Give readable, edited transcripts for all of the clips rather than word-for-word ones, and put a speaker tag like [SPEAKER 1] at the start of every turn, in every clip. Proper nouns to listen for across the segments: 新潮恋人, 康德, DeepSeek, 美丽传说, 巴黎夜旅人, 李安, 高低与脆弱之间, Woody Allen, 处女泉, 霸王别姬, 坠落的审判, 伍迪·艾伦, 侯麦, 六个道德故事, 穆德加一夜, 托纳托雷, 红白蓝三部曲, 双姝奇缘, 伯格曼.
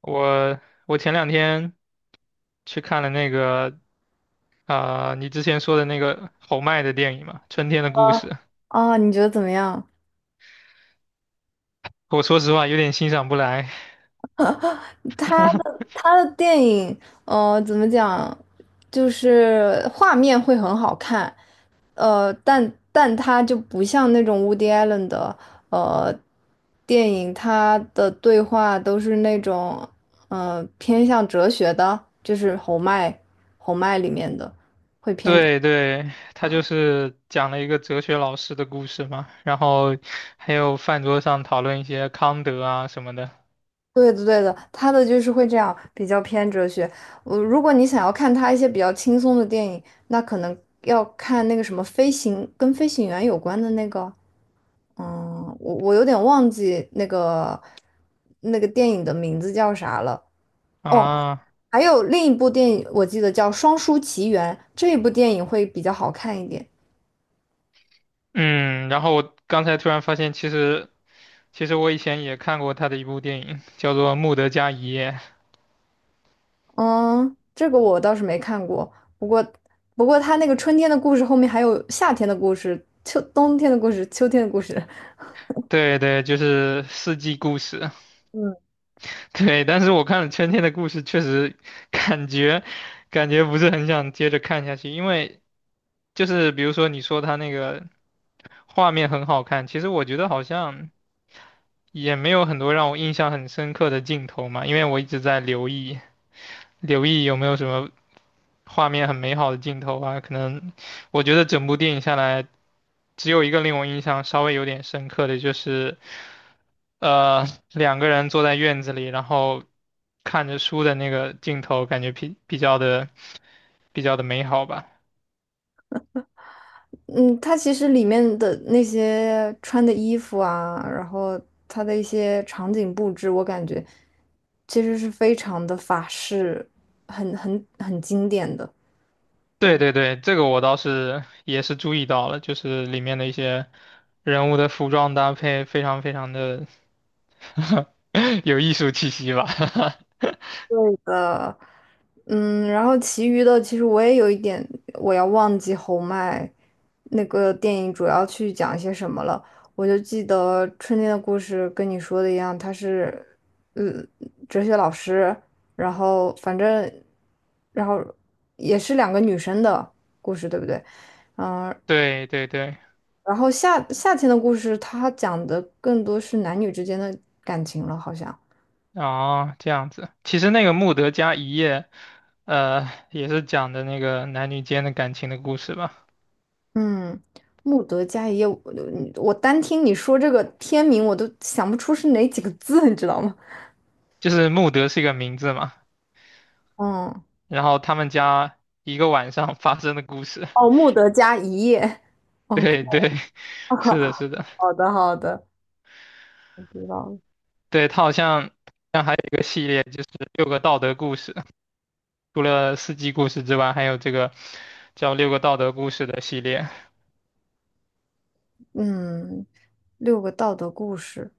[SPEAKER 1] 我我前两天去看了那个啊、你之前说的那个侯麦的电影嘛，《春天的故事》。
[SPEAKER 2] 哦，你觉得怎么样？
[SPEAKER 1] 我说实话有点欣赏不来。
[SPEAKER 2] 他的电影，怎么讲，就是画面会很好看，但他就不像那种 Woody Allen 的呃电影，他的对话都是那种偏向哲学的，就是红麦里面的。
[SPEAKER 1] 对对，他就是讲了一个哲学老师的故事嘛，然后还有饭桌上讨论一些康德啊什么的
[SPEAKER 2] 对的，对的，他的就是会这样，比较偏哲学。我如果你想要看他一些比较轻松的电影，那可能要看那个什么飞行，跟飞行员有关的那个，嗯，我有点忘记那个电影的名字叫啥了。哦，
[SPEAKER 1] 啊，
[SPEAKER 2] 还有另一部电影，我记得叫《双姝奇缘》，这一部电影会比较好看一点。
[SPEAKER 1] 嗯，然后我刚才突然发现，其实我以前也看过他的一部电影，叫做《穆德加一夜》，
[SPEAKER 2] 嗯，这个我倒是没看过，不过不过他那个春天的故事后面还有夏天的故事、秋冬天的故事、秋天的故事。
[SPEAKER 1] 对对，就是《四季故事》。对，但是我看了《春天的故事》，确实感觉感觉不是很想接着看下去，因为就是比如说你说他那个画面很好看，其实我觉得好像也没有很多让我印象很深刻的镜头嘛，因为我一直在留意有没有什么画面很美好的镜头啊，可能我觉得整部电影下来，只有一个令我印象稍微有点深刻的就是。呃，两个人坐在院子里，然后看着书的那个镜头，感觉比较的美好吧。
[SPEAKER 2] 嗯，它其实里面的那些穿的衣服啊，然后它的一些场景布置，我感觉其实是非常的法式，很经典的。
[SPEAKER 1] 对对对，这个我倒是也是注意到了，就是里面的一些人物的服装搭配非常非常的 有艺术气息吧。
[SPEAKER 2] 嗯，然后其余的其实我也有一点，我要忘记侯麦那个电影主要去讲些什么了。我就记得《春天的故事》跟你说的一样，他是，嗯，哲学老师，然后反正，然后也是两个女生的故事，对不对？嗯，
[SPEAKER 1] 对对对，
[SPEAKER 2] 然后夏天的故事，它讲的更多是男女之间的感情了，好像。
[SPEAKER 1] 哦，这样子。其实那个《穆德加一夜》也是讲的那个男女间的感情的故事吧。
[SPEAKER 2] 嗯，穆德加一夜，我单听你说这个片名，我都想不出是哪几个字，你知道吗？
[SPEAKER 1] 就是穆德是一个名字嘛，
[SPEAKER 2] 嗯，
[SPEAKER 1] 然后他们家一个晚上发生的故事。
[SPEAKER 2] 哦，穆德加一夜。哦，
[SPEAKER 1] 对对，是的，是的，
[SPEAKER 2] 好的好的，我知道了。
[SPEAKER 1] 对，它好像还有一个系列，就是六个道德故事，除了四季故事之外，还有这个叫六个道德故事的系列。
[SPEAKER 2] 嗯，六个道德故事，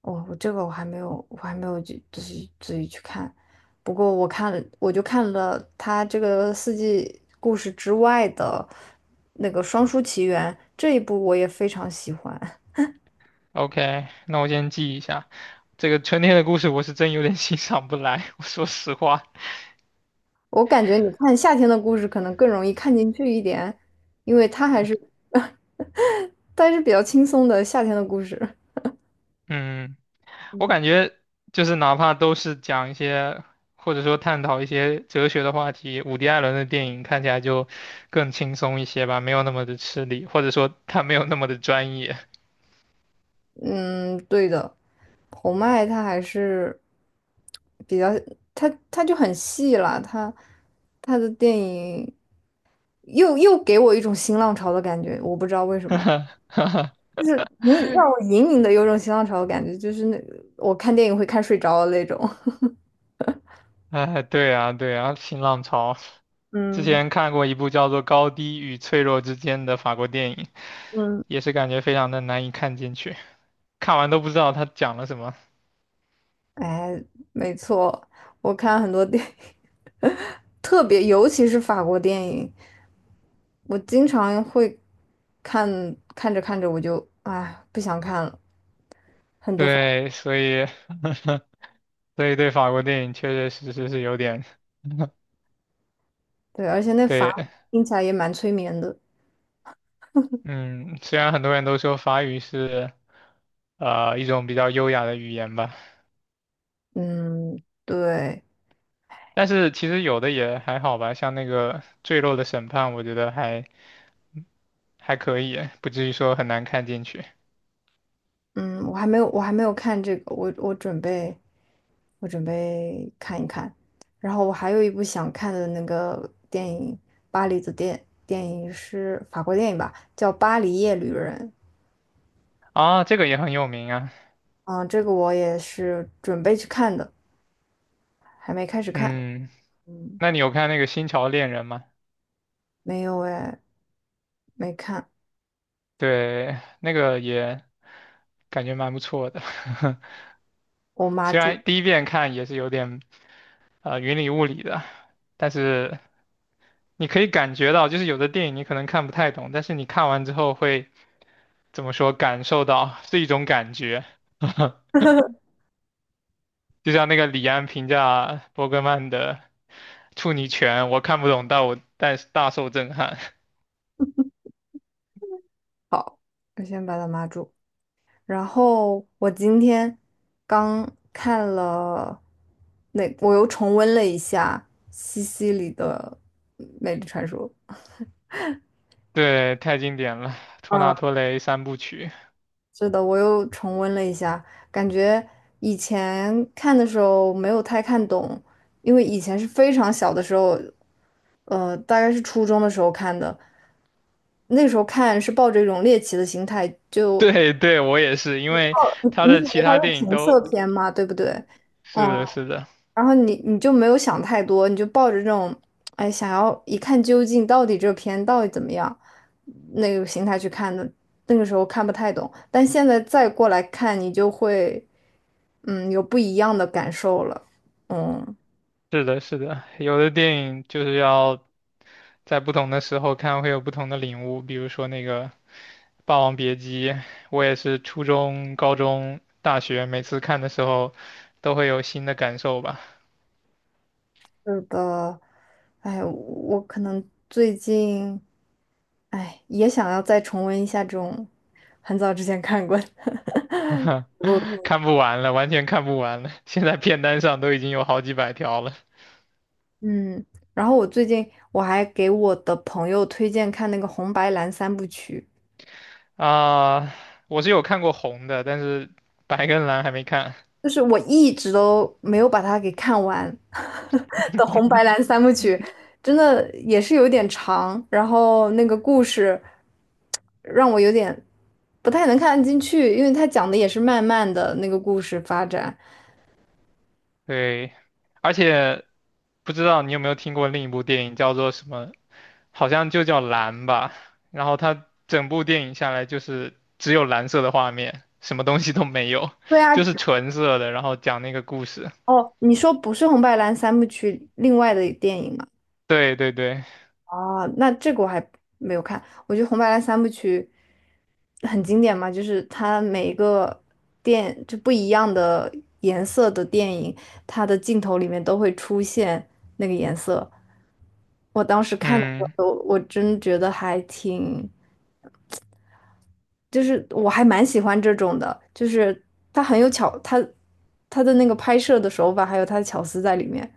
[SPEAKER 2] 我这个我还没有，我还没有去自己去看。不过我看了，我就看了他这个四季故事之外的那个《双姝奇缘》这一部，我也非常喜欢。
[SPEAKER 1] OK,那我先记一下。这个春天的故事我是真有点 欣赏不来，我说实话。
[SPEAKER 2] 我感觉你看夏天的故事可能更容易看进去一点，因为它还是比较轻松的夏天的故事。
[SPEAKER 1] 嗯。我
[SPEAKER 2] 嗯，
[SPEAKER 1] 感觉就是哪怕都是讲一些，或者说探讨一些哲学的话题，伍迪·艾伦的电影看起来就更轻松一些吧，没有那么的吃力，或者说他没有那么的专业。
[SPEAKER 2] 嗯，对的，侯麦它还是比较，它就很细了，它的电影又给我一种新浪潮的感觉，我不知道为什么，就是隐让我隐隐的有种新浪潮的感觉，就是那我看电影会看睡着的那种。
[SPEAKER 1] 哎，对啊，对啊，新浪潮。之
[SPEAKER 2] 嗯
[SPEAKER 1] 前看过一部叫做《高低与脆弱之间》的法国电影，
[SPEAKER 2] 嗯
[SPEAKER 1] 也是感觉非常的难以看进去，看完都不知道他讲了什么。
[SPEAKER 2] 哎，没错，我看很多电影，特别尤其是法国电影，我经常会看着看着我就哎不想看了，很多法国
[SPEAKER 1] 对，所以，所以对法国电影确确实实是有点，
[SPEAKER 2] 对，而且那法
[SPEAKER 1] 对，
[SPEAKER 2] 语听起来也蛮催眠的。
[SPEAKER 1] 嗯，虽然很多人都说法语是一种比较优雅的语言吧，
[SPEAKER 2] 嗯，对，
[SPEAKER 1] 但是其实有的也还好吧，像那个《坠落的审判》，我觉得还还可以，不至于说很难看进去
[SPEAKER 2] 嗯，我还没有看这个，我准备看一看。然后我还有一部想看的那个电影，巴黎的电影是法国电影吧，叫《巴黎夜旅人》。
[SPEAKER 1] 啊。这个也很有名啊。
[SPEAKER 2] 嗯，这个我也是准备去看的，还没开始看。
[SPEAKER 1] 嗯，
[SPEAKER 2] 嗯，
[SPEAKER 1] 那你有看那个《新潮恋人》吗？
[SPEAKER 2] 没有哎，没看，
[SPEAKER 1] 对，那个也感觉蛮不错的，
[SPEAKER 2] 我 妈
[SPEAKER 1] 虽
[SPEAKER 2] 住
[SPEAKER 1] 然第一遍看也是有点云里雾里的，但是你可以感觉到，就是有的电影你可能看不太懂，但是你看完之后会。怎么说感受到，是一种感觉。就像那个李安评价伯格曼的《处女泉》，我看不懂，但是大受震撼。
[SPEAKER 2] 好，我先把它妈住。然后我今天刚看了那，我又重温了一下西西里的《美丽传说》。
[SPEAKER 1] 对，太经典了，托
[SPEAKER 2] 嗯，
[SPEAKER 1] 纳托雷三部曲。
[SPEAKER 2] 是的，我又重温了一下，感觉以前看的时候没有太看懂，因为以前是非常小的时候，大概是初中的时候看的，那个时候看是抱着一种猎奇的心态，就
[SPEAKER 1] 对对，我也是，因为
[SPEAKER 2] 你
[SPEAKER 1] 他
[SPEAKER 2] 你以
[SPEAKER 1] 的
[SPEAKER 2] 为
[SPEAKER 1] 其
[SPEAKER 2] 它
[SPEAKER 1] 他
[SPEAKER 2] 是
[SPEAKER 1] 电影
[SPEAKER 2] 情
[SPEAKER 1] 都
[SPEAKER 2] 色片嘛，对不对？嗯，
[SPEAKER 1] 是的，是的，
[SPEAKER 2] 然后你就没有想太多，你就抱着这种，哎，想要一看究竟，到底这片到底怎么样，那个心态去看的。那个时候看不太懂，但现在再过来看，你就会，嗯，有不一样的感受了。嗯，
[SPEAKER 1] 是的，是的，有的电影就是要在不同的时候看会有不同的领悟。比如说那个《霸王别姬》，我也是初中、高中、大学每次看的时候都会有新的感受吧，
[SPEAKER 2] 是的，哎，我可能最近，哎，也想要再重温一下这种很早之前看过的 我。
[SPEAKER 1] 看不完了，完全看不完了。现在片单上都已经有好几百条了
[SPEAKER 2] 嗯，然后我最近我还给我的朋友推荐看那个《红白蓝三部曲》，
[SPEAKER 1] 啊！我是有看过红的，但是白跟蓝还没看。
[SPEAKER 2] 就是我一直都没有把它给看完 的《红白蓝三部曲》，真的也是有点长，然后那个故事让我有点不太能看得进去，因为它讲的也是慢慢的那个故事发展。
[SPEAKER 1] 对，而且不知道你有没有听过另一部电影叫做什么好像就叫蓝吧。然后它整部电影下来就是只有蓝色的画面，什么东西都没有，
[SPEAKER 2] 对啊，
[SPEAKER 1] 就是纯色的，然后讲那个故事。
[SPEAKER 2] 哦，你说不是《红白蓝三部曲》另外的电影吗？
[SPEAKER 1] 对对对，
[SPEAKER 2] 哦，那这个我还没有看。我觉得《红白蓝》三部曲很经典嘛，就是它每一个电就不一样的颜色的电影，它的镜头里面都会出现那个颜色。我当时看的时
[SPEAKER 1] 嗯
[SPEAKER 2] 候，我真觉得还挺，就是我还蛮喜欢这种的，就是它很有巧，它的那个拍摄的手法，还有它的巧思在里面。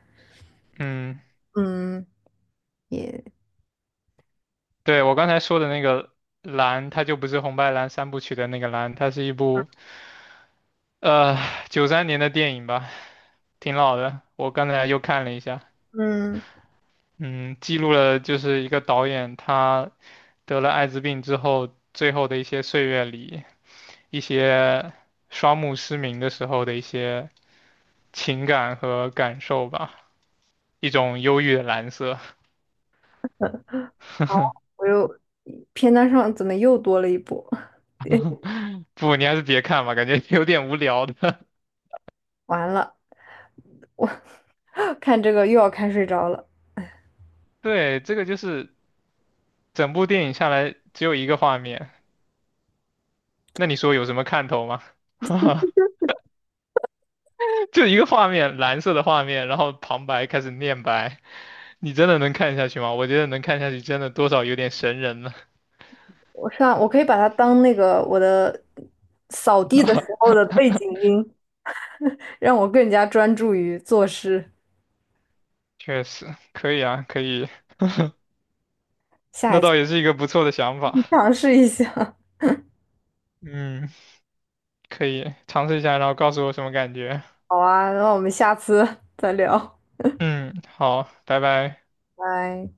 [SPEAKER 1] 嗯，
[SPEAKER 2] 嗯，也
[SPEAKER 1] 对，我刚才说的那个蓝，它就不是红白蓝三部曲的那个蓝，它是一部呃93年的电影吧，挺老的。我刚才又看了一下，
[SPEAKER 2] 嗯，
[SPEAKER 1] 嗯，记录了就是一个导演他得了艾滋病之后最后的一些岁月里，一些双目失明的时候的一些情感和感受吧，一种忧郁的蓝色。
[SPEAKER 2] 我又片单上怎么又多了一部？
[SPEAKER 1] 不，你还是别看吧，感觉有点无聊的。
[SPEAKER 2] 完了，我 看这个又要看睡着了。
[SPEAKER 1] 对，这个就是整部电影下来只有一个画面，那你说有什么看头吗？就一个画面，蓝色的画面，然后旁白开始念白，你真的能看下去吗？我觉得能看下去，真的多少有点神人了。
[SPEAKER 2] 我上，我可以把它当那个我的扫地的时候 的背景音，让我更加专注于做事。
[SPEAKER 1] 确实，可以啊，可以，
[SPEAKER 2] 下
[SPEAKER 1] 那
[SPEAKER 2] 一次
[SPEAKER 1] 倒也是一个不错的想法。
[SPEAKER 2] 尝试一下。
[SPEAKER 1] 嗯。可以尝试一下，然后告诉我什么感觉。
[SPEAKER 2] 好啊，那我们下次再聊，
[SPEAKER 1] 嗯，好，拜拜。
[SPEAKER 2] 拜。